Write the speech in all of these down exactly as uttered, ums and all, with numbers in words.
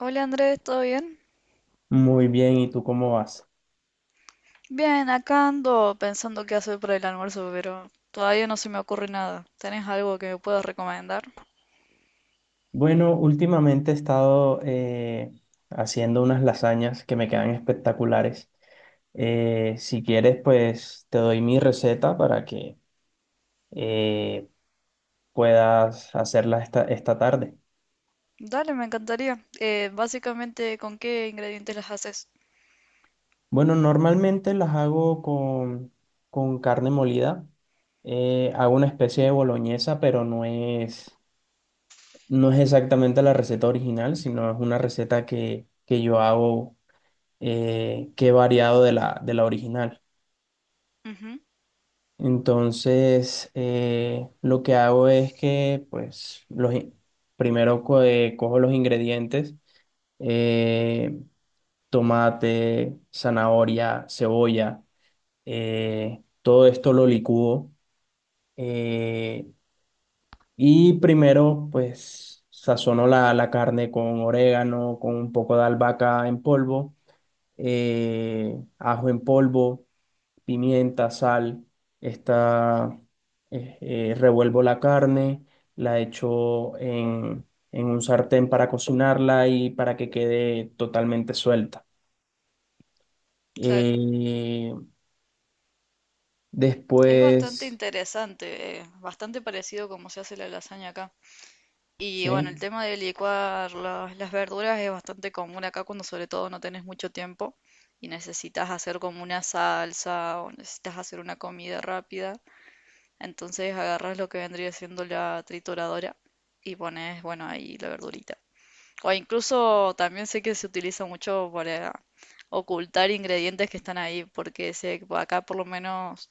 Hola Andrés, ¿todo bien? Muy bien, ¿y tú cómo vas? Bien, acá ando pensando qué hacer para el almuerzo, pero todavía no se me ocurre nada. ¿Tenés algo que me puedas recomendar? Bueno, últimamente he estado eh, haciendo unas lasañas que me quedan espectaculares. Eh, si quieres, pues te doy mi receta para que eh, puedas hacerlas esta, esta tarde. Dale, me encantaría. Eh, básicamente, ¿con qué ingredientes las haces? Bueno, normalmente las hago con, con carne molida. Eh, hago una especie de boloñesa, pero no es, no es exactamente la receta original, sino es una receta que, que yo hago eh, que he variado de la, de la original. Ujú, Entonces, eh, lo que hago es que, pues, los, in- primero co- eh, cojo los ingredientes, eh, tomate, zanahoria, cebolla, eh, todo esto lo licúo eh, y primero, pues, sazono la, la carne con orégano, con un poco de albahaca en polvo, eh, ajo en polvo, pimienta, sal, esta, eh, eh, revuelvo la carne, la echo en, en un sartén para cocinarla y para que quede totalmente suelta. claro. Eh, Es bastante después, interesante, eh, bastante parecido como se hace la lasaña acá. Y bueno, el sí, tema de licuar las, las verduras es bastante común acá cuando sobre todo no tenés mucho tiempo y necesitas hacer como una salsa o necesitas hacer una comida rápida. Entonces agarras lo que vendría siendo la trituradora y pones, bueno, ahí la verdurita. O incluso también sé que se utiliza mucho para ocultar ingredientes que están ahí, porque sé que acá por lo menos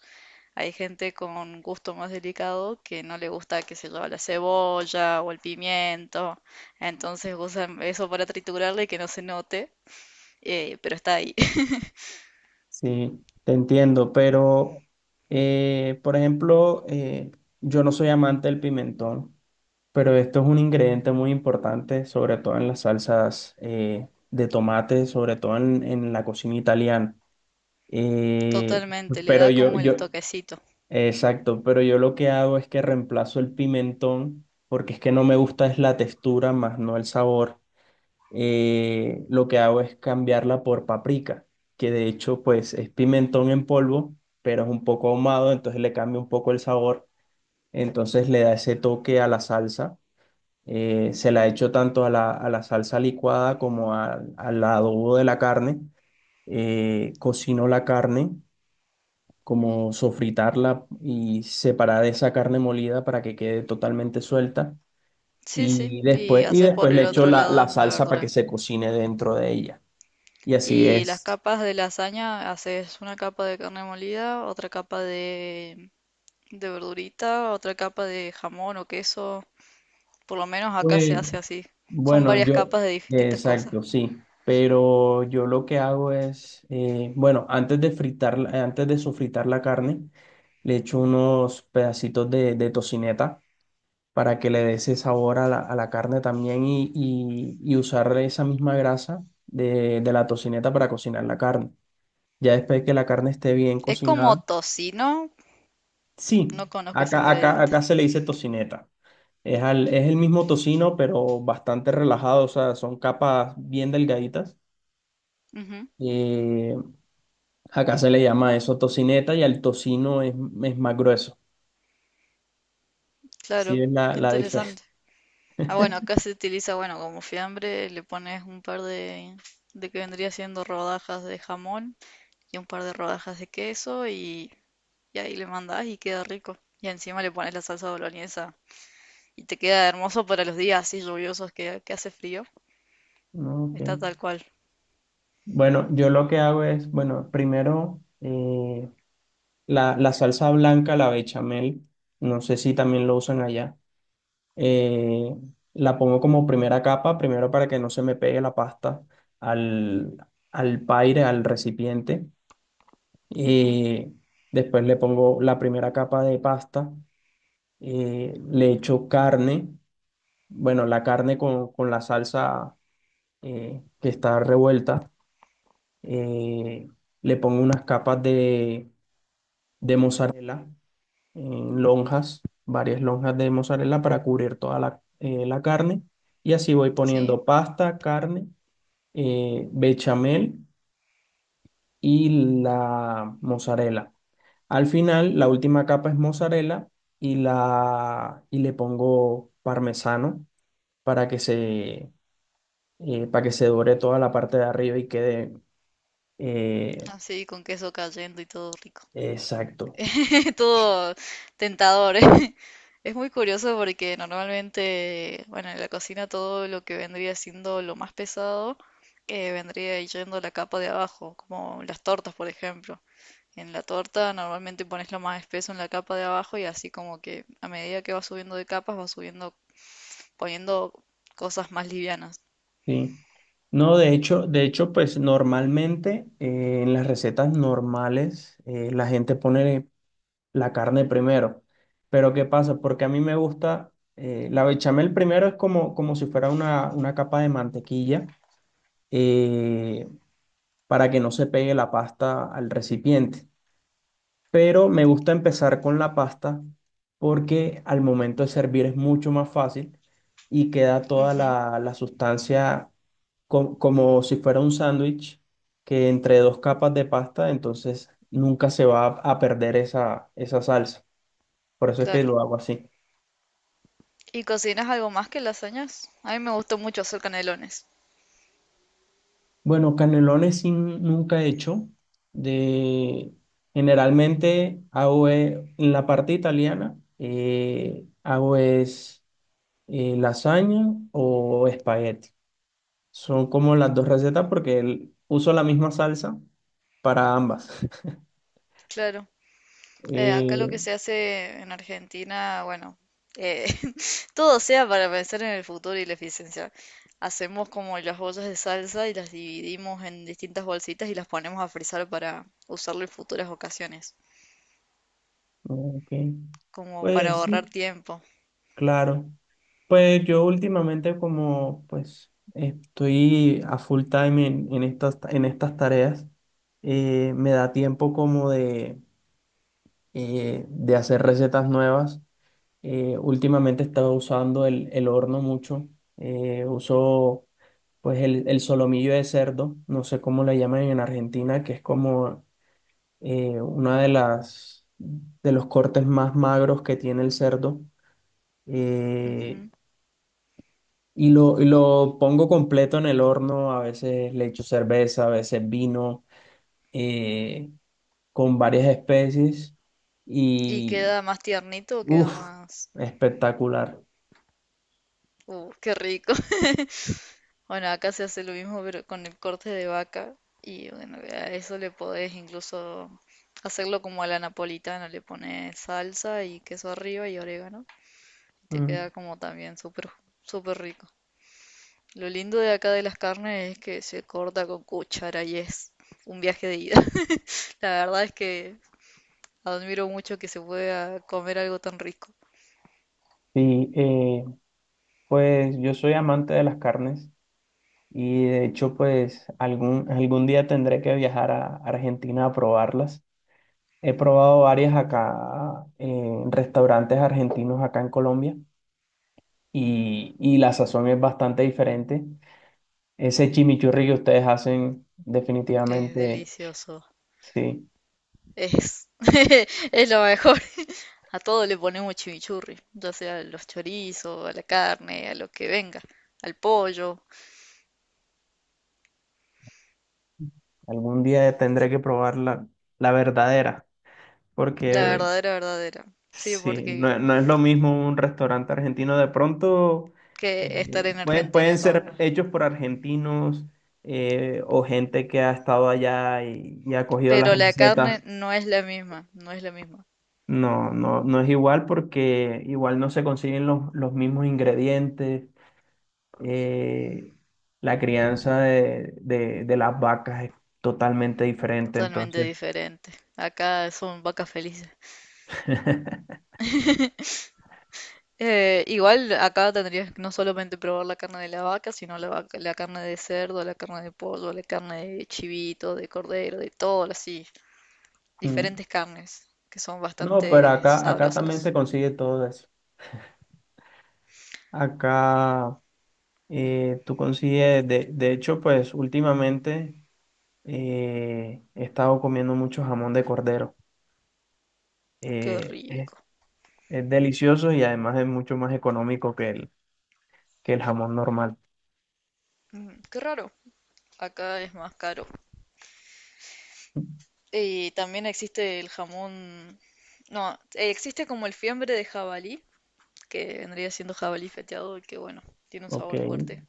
hay gente con gusto más delicado que no le gusta, que se lleva la cebolla o el pimiento, entonces usan eso para triturarle y que no se note, eh, pero está ahí. sí, te entiendo, pero, eh, por ejemplo, eh, yo no soy amante del pimentón. Pero esto es un ingrediente muy importante, sobre todo en las salsas eh, de tomate, sobre todo en, en la cocina italiana. Y, Totalmente, le pero da yo, como el yo, bueno, toquecito. exacto, pero yo lo que hago es que reemplazo el pimentón porque es que no me gusta es la textura más no el sabor. Eh, lo que hago es cambiarla por paprika, que de hecho pues es pimentón en polvo, pero es un poco ahumado, entonces le cambia un poco el sabor, entonces le da ese toque a la salsa. Eh, se la echo tanto a la, a la salsa licuada como a- al adobo de la carne. Eh, cocino la carne, como sofritarla y separar esa carne molida para que quede totalmente suelta. Sí, sí, Y y después, y haces después por le el echo otro la, la lado la salsa para que verdura. se cocine dentro de ella. Y así Y las es. capas de lasaña, haces una capa de carne molida, otra capa de, de verdurita, otra capa de jamón o queso. Por lo menos acá se Pues, hace así. Son bueno, varias yo, capas de distintas cosas. exacto, sí. Pero yo lo que hago es, eh, bueno, antes de fritar, antes de sofritar la carne, le echo unos pedacitos de, de tocineta para que le dé ese sabor a la, a la carne también y, y, y usar esa misma grasa de, de la tocineta para cocinar la carne. Ya después de que la carne esté bien Es como cocinada, tocino, sí, no conozco ese acá, acá, acá ingrediente. se le dice tocineta. Es, al- es el mismo tocino, pero bastante relajado, o sea, son capas bien delgaditas. Ujú, Eh, acá se le llama eso tocineta y al tocino es, es más grueso. Sí, claro, es la, qué la diferencia. interesante. Ah, bueno, acá se utiliza, bueno, como fiambre, le pones un par de, de que vendría siendo rodajas de jamón y un par de rodajas de queso y, Y ahí le mandás y queda rico. Y encima le pones la salsa boloñesa. Y te queda hermoso para los días así lluviosos que, que hace frío. Ok. Está tal cual. Bueno, yo lo que hago es, bueno, primero, eh, la, la salsa blanca, la bechamel, no sé si también lo usan allá. Eh, la pongo como primera capa, primero para que no se me pegue la pasta al, al paire, al recipiente. Ujú, Y después le pongo la primera capa de pasta, eh, le echo carne, bueno, la carne con, con la salsa eh, que está revuelta. eh, Le pongo unas capas de, de mozzarella en lonjas, varias lonjas de mozzarella para cubrir toda la, eh, la carne. Y así voy sí, poniendo pasta, carne, eh, bechamel y la mozzarella. Al final, la última capa es mozzarella y, la, y le pongo parmesano para que se, eh, para que se dore toda la parte de arriba y quede eh, así con queso cayendo y todo rico. exacto. Todo tentador, ¿eh? Es muy curioso porque normalmente, bueno, en la cocina todo lo que vendría siendo lo más pesado eh, vendría yendo a la capa de abajo, como las tortas, por ejemplo. En la torta normalmente pones lo más espeso en la capa de abajo y así como que a medida que va subiendo de capas va subiendo poniendo cosas más livianas. Sí. No, de hecho, de hecho, pues normalmente eh, en las recetas normales eh, la gente pone la carne primero. Pero ¿qué pasa? Porque a mí me gusta, eh, la bechamel primero es como, como si fuera una, una capa de mantequilla eh, para que no se pegue la pasta al recipiente, pero me gusta empezar con la pasta porque al momento de servir es mucho más fácil y queda toda Ujú, la, la sustancia, co- como si fuera un sándwich, que entre dos capas de pasta, entonces nunca se va a, a perder esa, esa salsa. Por eso es que claro. lo hago así. ¿Y cocinas algo más que lasañas? A mí me gustó mucho hacer canelones. Bueno, canelones sí nunca he hecho. De, Generalmente hago eh, en la parte italiana, eh, hago es y lasaña o espagueti. Son como las dos recetas porque el- uso la misma salsa para ambas. Claro. Eh, acá lo que Eh, se hace en Argentina, bueno, eh, todo sea para pensar en el futuro y la eficiencia. Hacemos como las bolsas de salsa y las dividimos en distintas bolsitas y las ponemos a frizar para usarlo en futuras ocasiones. ok. Como para Pues ahorrar sí, tiempo. claro. Pues yo últimamente como pues estoy a full time en, en estas, en estas tareas, eh, me da tiempo como de, eh, de hacer recetas nuevas. Eh, últimamente estaba usando el, el horno mucho. Eh, uso pues el, el solomillo de cerdo, no sé cómo le llaman en Argentina, que es como eh, una de las de los cortes más magros que tiene el cerdo. Eh, Ujú. y lo, y lo pongo completo en el horno, a veces le echo cerveza, a veces vino, eh, con varias especies. ¿Y Y queda más tiernito o queda uff, más... Espectacular. Uh, qué rico. Bueno, acá se hace lo mismo pero con el corte de vaca y bueno, a eso le podés incluso hacerlo como a la napolitana, le pones salsa y queso arriba y orégano y te Mm. queda como también súper súper rico. Lo lindo de acá de las carnes es que se corta con cuchara y es un viaje de ida. La verdad es que admiro mucho que se pueda comer algo tan rico. Sí, eh, pues yo soy amante de las carnes y de hecho pues algún, algún día tendré que viajar a Argentina a probarlas. He probado varias acá en restaurantes argentinos acá en Colombia y, y la sazón es bastante diferente. Ese chimichurri que ustedes hacen Es definitivamente, delicioso. sí, Es, es lo mejor. A todo le ponemos chimichurri, ya sea a los chorizos, a la carne, a lo que venga, al pollo. algún día tendré que probar la, la verdadera La porque… verdadera, verdadera. Sí, Sí, porque no, no es lo mismo un restaurante argentino. De pronto que estar eh, en pueden, Argentina y pueden comer. ser hechos por argentinos, eh, o gente que ha estado allá y, y ha cogido las Pero la carne recetas. no es la misma, no es la misma. No, no, no es igual porque igual no se consiguen los, los mismos ingredientes. eh, la crianza de, de- de las vacas es totalmente diferente, Totalmente entonces. diferente. Acá son vacas felices. Eh, igual acá tendrías que no solamente probar la carne de la vaca, sino la, vaca- la carne de cerdo, la carne de pollo, la carne de chivito, de cordero, de todo así. Mm. Diferentes carnes que son No, pero bastante acá, acá también se sabrosas. consigue todo eso. Acá. Eh, tú consigues, de, de hecho, pues últimamente eh, he estado comiendo mucho jamón de cordero. Qué Eh, es, rico. es delicioso y además es mucho más económico que el, que el jamón normal. Mm, qué raro. Acá es más caro. Y también existe el jamón. No, eh, existe como el fiambre de jabalí, que vendría siendo jabalí feteado, y que bueno, tiene un Ok. sabor fuerte,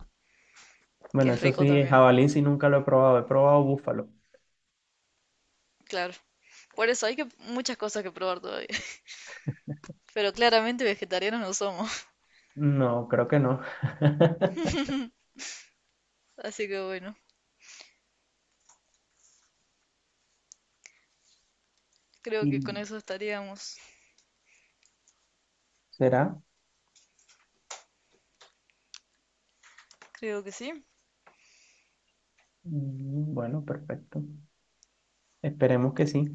que Bueno, es eso rico sí, también. jabalí sí nunca lo he probado. He probado búfalo. Claro. Por eso hay que muchas cosas que probar todavía. Pero claramente vegetarianos no somos. No, creo que no. Así que bueno, creo ¿Y que con eso estaríamos. será? Creo que sí. Mm, bueno, perfecto. Esperemos que sí.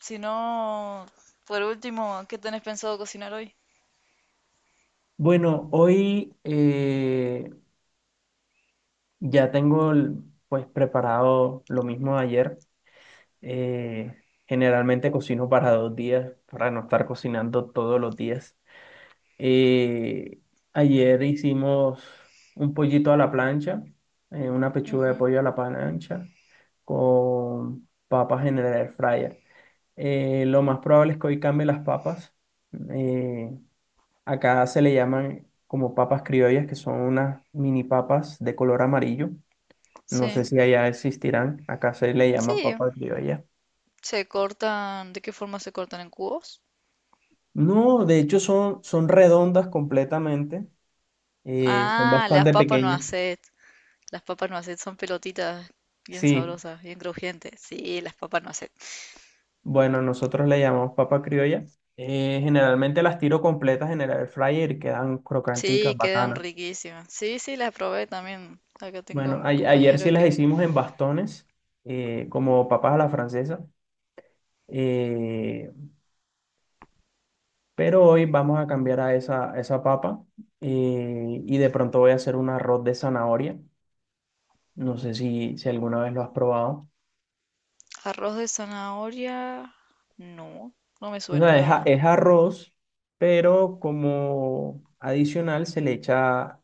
Si no, por último, ¿qué tenés pensado cocinar hoy? Bueno, hoy, eh, ya tengo el- pues preparado lo mismo de ayer. Eh, generalmente cocino para dos días, para no estar cocinando todos los días. Eh, Ayer hicimos un pollito a la plancha, eh, una pechuga de Ujú. pollo a la plancha con papas en el air fryer. Eh, lo más probable es que hoy cambie las papas. Eh, acá se le llaman como papas criollas, que son unas mini papas de color amarillo. No sé Sí, si allá existirán. Acá se le llama sí, papa criolla. se cortan. ¿De qué forma se cortan, en cubos? No, de hecho son, son redondas completamente. Eh, son Ah, las bastante papas no pequeñas. hacet. Las papas no hacet son pelotitas bien Sí, sabrosas, bien crujientes. Sí, las papas no hacet. bueno, nosotros le llamamos papa criolla. Eh, generalmente las tiro completas en el air fryer y quedan crocanticas, Sí, quedan bacanas. riquísimas. Sí, sí, las probé también. Acá tengo Bueno, un ay, ayer sí compañero las que hicimos en bastones, eh, como papas a la francesa. eh, pero hoy vamos a cambiar a esa, a esa papa, eh, y de pronto voy a hacer un arroz de zanahoria. No sé si, si alguna vez lo has probado. arroz de zanahoria. No, no me O suena la sea, es, verdad. a- es arroz, pero como adicional se le echa,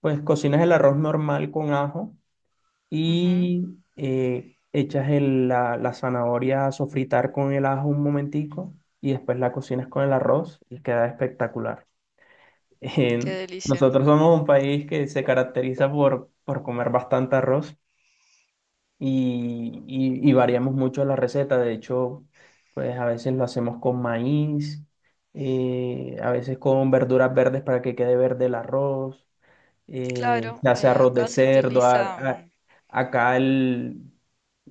pues cocinas el arroz normal con ajo Ujú. y eh, echas el- la, la zanahoria a sofritar con el ajo un momentico, y después la cocinas con el arroz y queda espectacular. Qué En- delicia. nosotros somos un país que se caracteriza por, por comer bastante arroz. y, y- y variamos mucho la receta. De hecho, pues a veces lo hacemos con maíz, eh, a veces con verduras verdes para que quede verde el arroz, eh, Claro, se hace eh, arroz de acá se cerdo, a- utiliza, a- mm, acá el,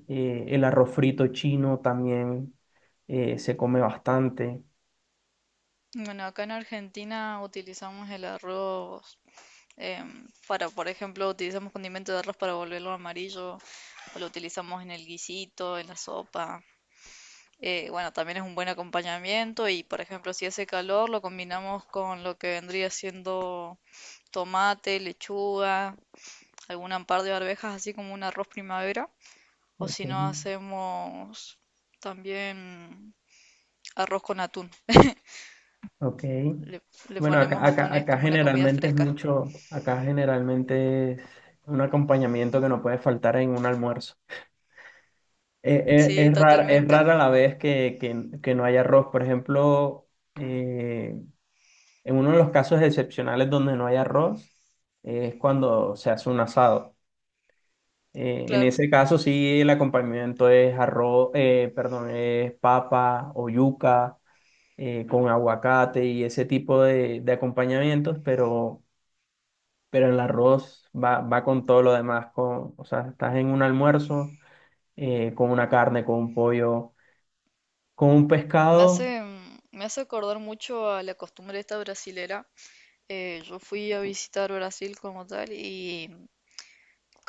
eh, el arroz frito chino también eh, se come bastante. bueno, acá en Argentina utilizamos el arroz. Em, para, por ejemplo, utilizamos condimento de arroz para volverlo amarillo, o lo utilizamos en el guisito, en la sopa. Eh, bueno, también es un buen acompañamiento y, por ejemplo, si hace calor, lo combinamos con lo que vendría siendo tomate, lechuga, algún par de arvejas, así como un arroz primavera. O Ok, si no, hacemos también arroz con atún. ok. Le, le Bueno, acá, ponemos acá, atún, es acá como una comida generalmente es fresca. mucho, acá generalmente es un acompañamiento que no puede faltar en un almuerzo. Eh, eh, Sí, Es, rara, es totalmente. rara la vez que, que- que no hay arroz. Por ejemplo, eh, en uno de los casos excepcionales donde no hay arroz eh, es cuando se hace un asado. Eh, en Claro. ese caso sí el acompañamiento es arroz, eh, perdón, es papa o yuca eh, con aguacate y ese tipo de, de acompañamientos, pero, pero el arroz va, va con todo lo demás. Con, o sea, estás en un almuerzo eh, con una carne, con un pollo. Con un Me pescado, hace, mm, me hace acordar mucho a la costumbre esta brasilera. Eh, yo fui a visitar Brasil como tal y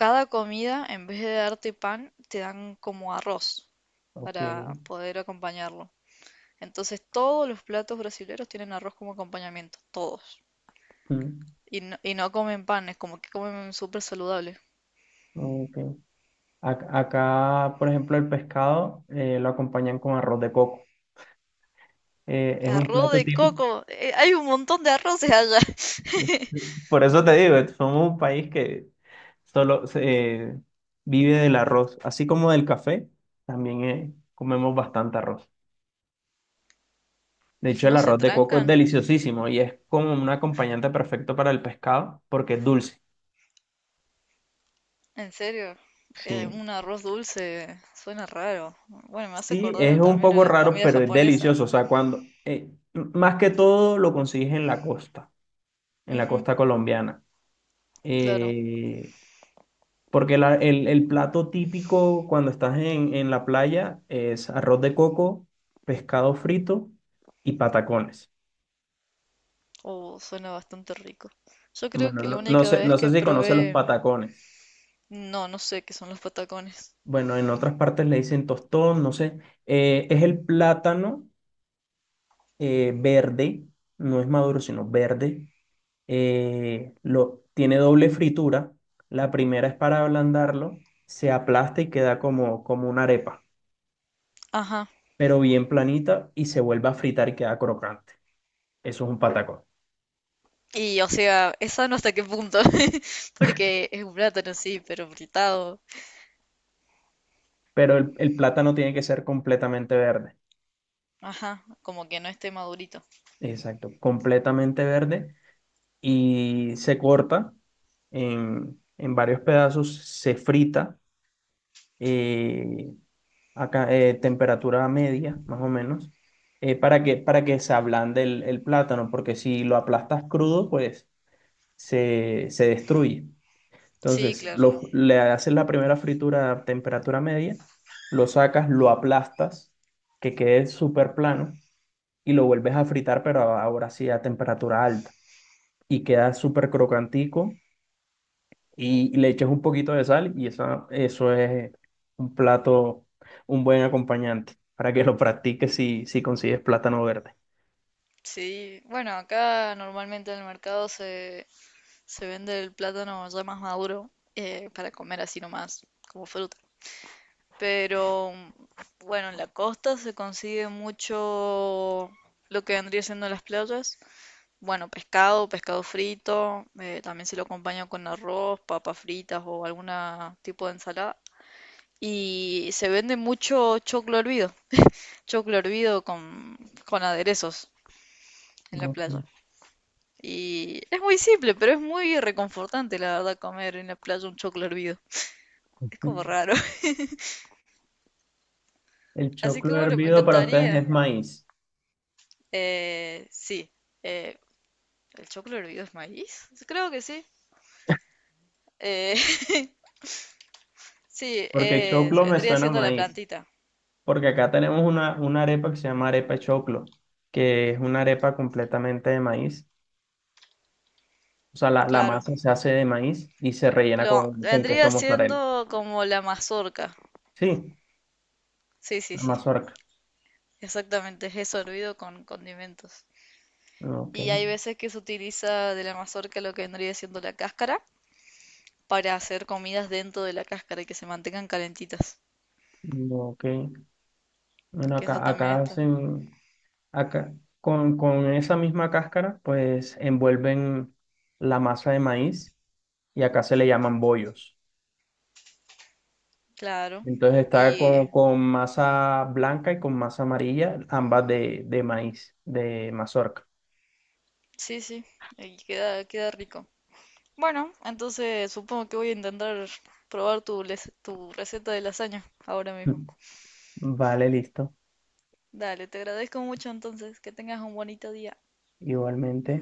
cada comida, en vez de darte pan, te dan como arroz ok. para poder acompañarlo. Entonces todos los platos brasileros tienen arroz como acompañamiento, todos. Mm, Y no, y no comen pan, es como que comen súper saludable. ok. Ac- Acá, por ejemplo, el pescado eh, lo acompañan con arroz de coco. Eh, es un Arroz plato de típico. coco, eh, hay un montón de arroces allá. Por eso te digo, somos un país que solo se, eh, vive del arroz, así como del café, también eh, comemos bastante arroz. De hecho, el ¿No se arroz de coco es trancan? deliciosísimo y es como un acompañante perfecto para el pescado porque es dulce. En serio, eh, Sí. un arroz dulce suena raro. Bueno, me hace Sí, es acordar un también a poco las raro, comidas pero es japonesas. delicioso. O sea, cuando, eh, m- más que todo lo consigues en la costa, en la Ujú, costa colombiana. claro. Eh, Porque la- el, el plato típico cuando estás en, en la playa es arroz de coco, pescado frito y patacones. Oh, suena bastante rico. Yo creo Bueno, que la no, no única sé, vez no sé que si conoces los probé, patacones. no, no sé qué son los patacones. Bueno, en otras partes le dicen tostón, no sé. Eh, es el plátano eh, verde, no es maduro, sino verde. Eh, lo, tiene doble fritura. La primera es para ablandarlo, se aplasta y queda como, como una arepa, Ajá. pero bien planita y se vuelve a fritar y queda crocante. Eso es un patacón. Y o sea, esa no hasta qué punto, porque es un plátano, sí, pero fritado. Pero el, el plátano tiene que ser completamente verde. Ajá, como que no esté madurito. Exacto, completamente verde, y se corta en, en varios pedazos, se frita eh, acá, eh, temperatura media, más o menos, eh, para que, para que se ablande el, el plátano, porque si lo aplastas crudo, pues se, se destruye. Sí, Entonces, claro. lo- le haces la primera fritura a temperatura media, lo sacas, lo aplastas, que quede súper plano, y lo vuelves a fritar, pero ahora sí a temperatura alta. Y queda súper crocantico, y le echas un poquito de sal, y esa, eso es un plato, un buen acompañante para que lo practiques si, si consigues plátano verde. Sí, bueno, acá normalmente en el mercado se, se vende el plátano ya más maduro eh, para comer así nomás, como fruta. Pero bueno, en la costa se consigue mucho lo que vendría siendo las playas. Bueno, pescado, pescado frito, eh, también se lo acompaña con arroz, papas fritas o algún tipo de ensalada. Y se vende mucho choclo hervido, choclo hervido con, con aderezos en la Ok. playa. Y es muy simple, pero es muy reconfortante, la verdad, comer en la playa un choclo hervido. Es como raro. El Así que choclo bueno, me hervido para ustedes es encantaría. maíz, Eh, sí. eh, ¿El choclo hervido es maíz? Creo que sí. Eh, sí, porque eh, choclo me vendría suena a siendo la maíz, plantita. porque acá tenemos una, una arepa que se llama arepa choclo, que es una arepa completamente de maíz. O sea, la, la Claro. masa se hace de maíz y se rellena Lo, con, con vendría queso mozzarella. siendo como la mazorca. Sí, Sí, sí, la sí. mazorca. Exactamente. Es eso hervido con condimentos. Ok, Y hay veces que se utiliza de la mazorca lo que vendría siendo la cáscara para hacer comidas dentro de la cáscara y que se mantengan calentitas. ok. Bueno, Que eso acá, también acá está. hacen, acá, con, con esa misma cáscara, pues envuelven la masa de maíz y acá se le llaman bollos. Claro. Entonces está Y con, con masa blanca y con masa amarilla, ambas de, de maíz, de mazorca. sí, sí, ahí queda, queda rico. Bueno, entonces supongo que voy a intentar probar tu, les- tu receta de lasaña ahora mismo. Mm. Vale, listo. Dale, te agradezco mucho entonces, que tengas un bonito día. Igualmente.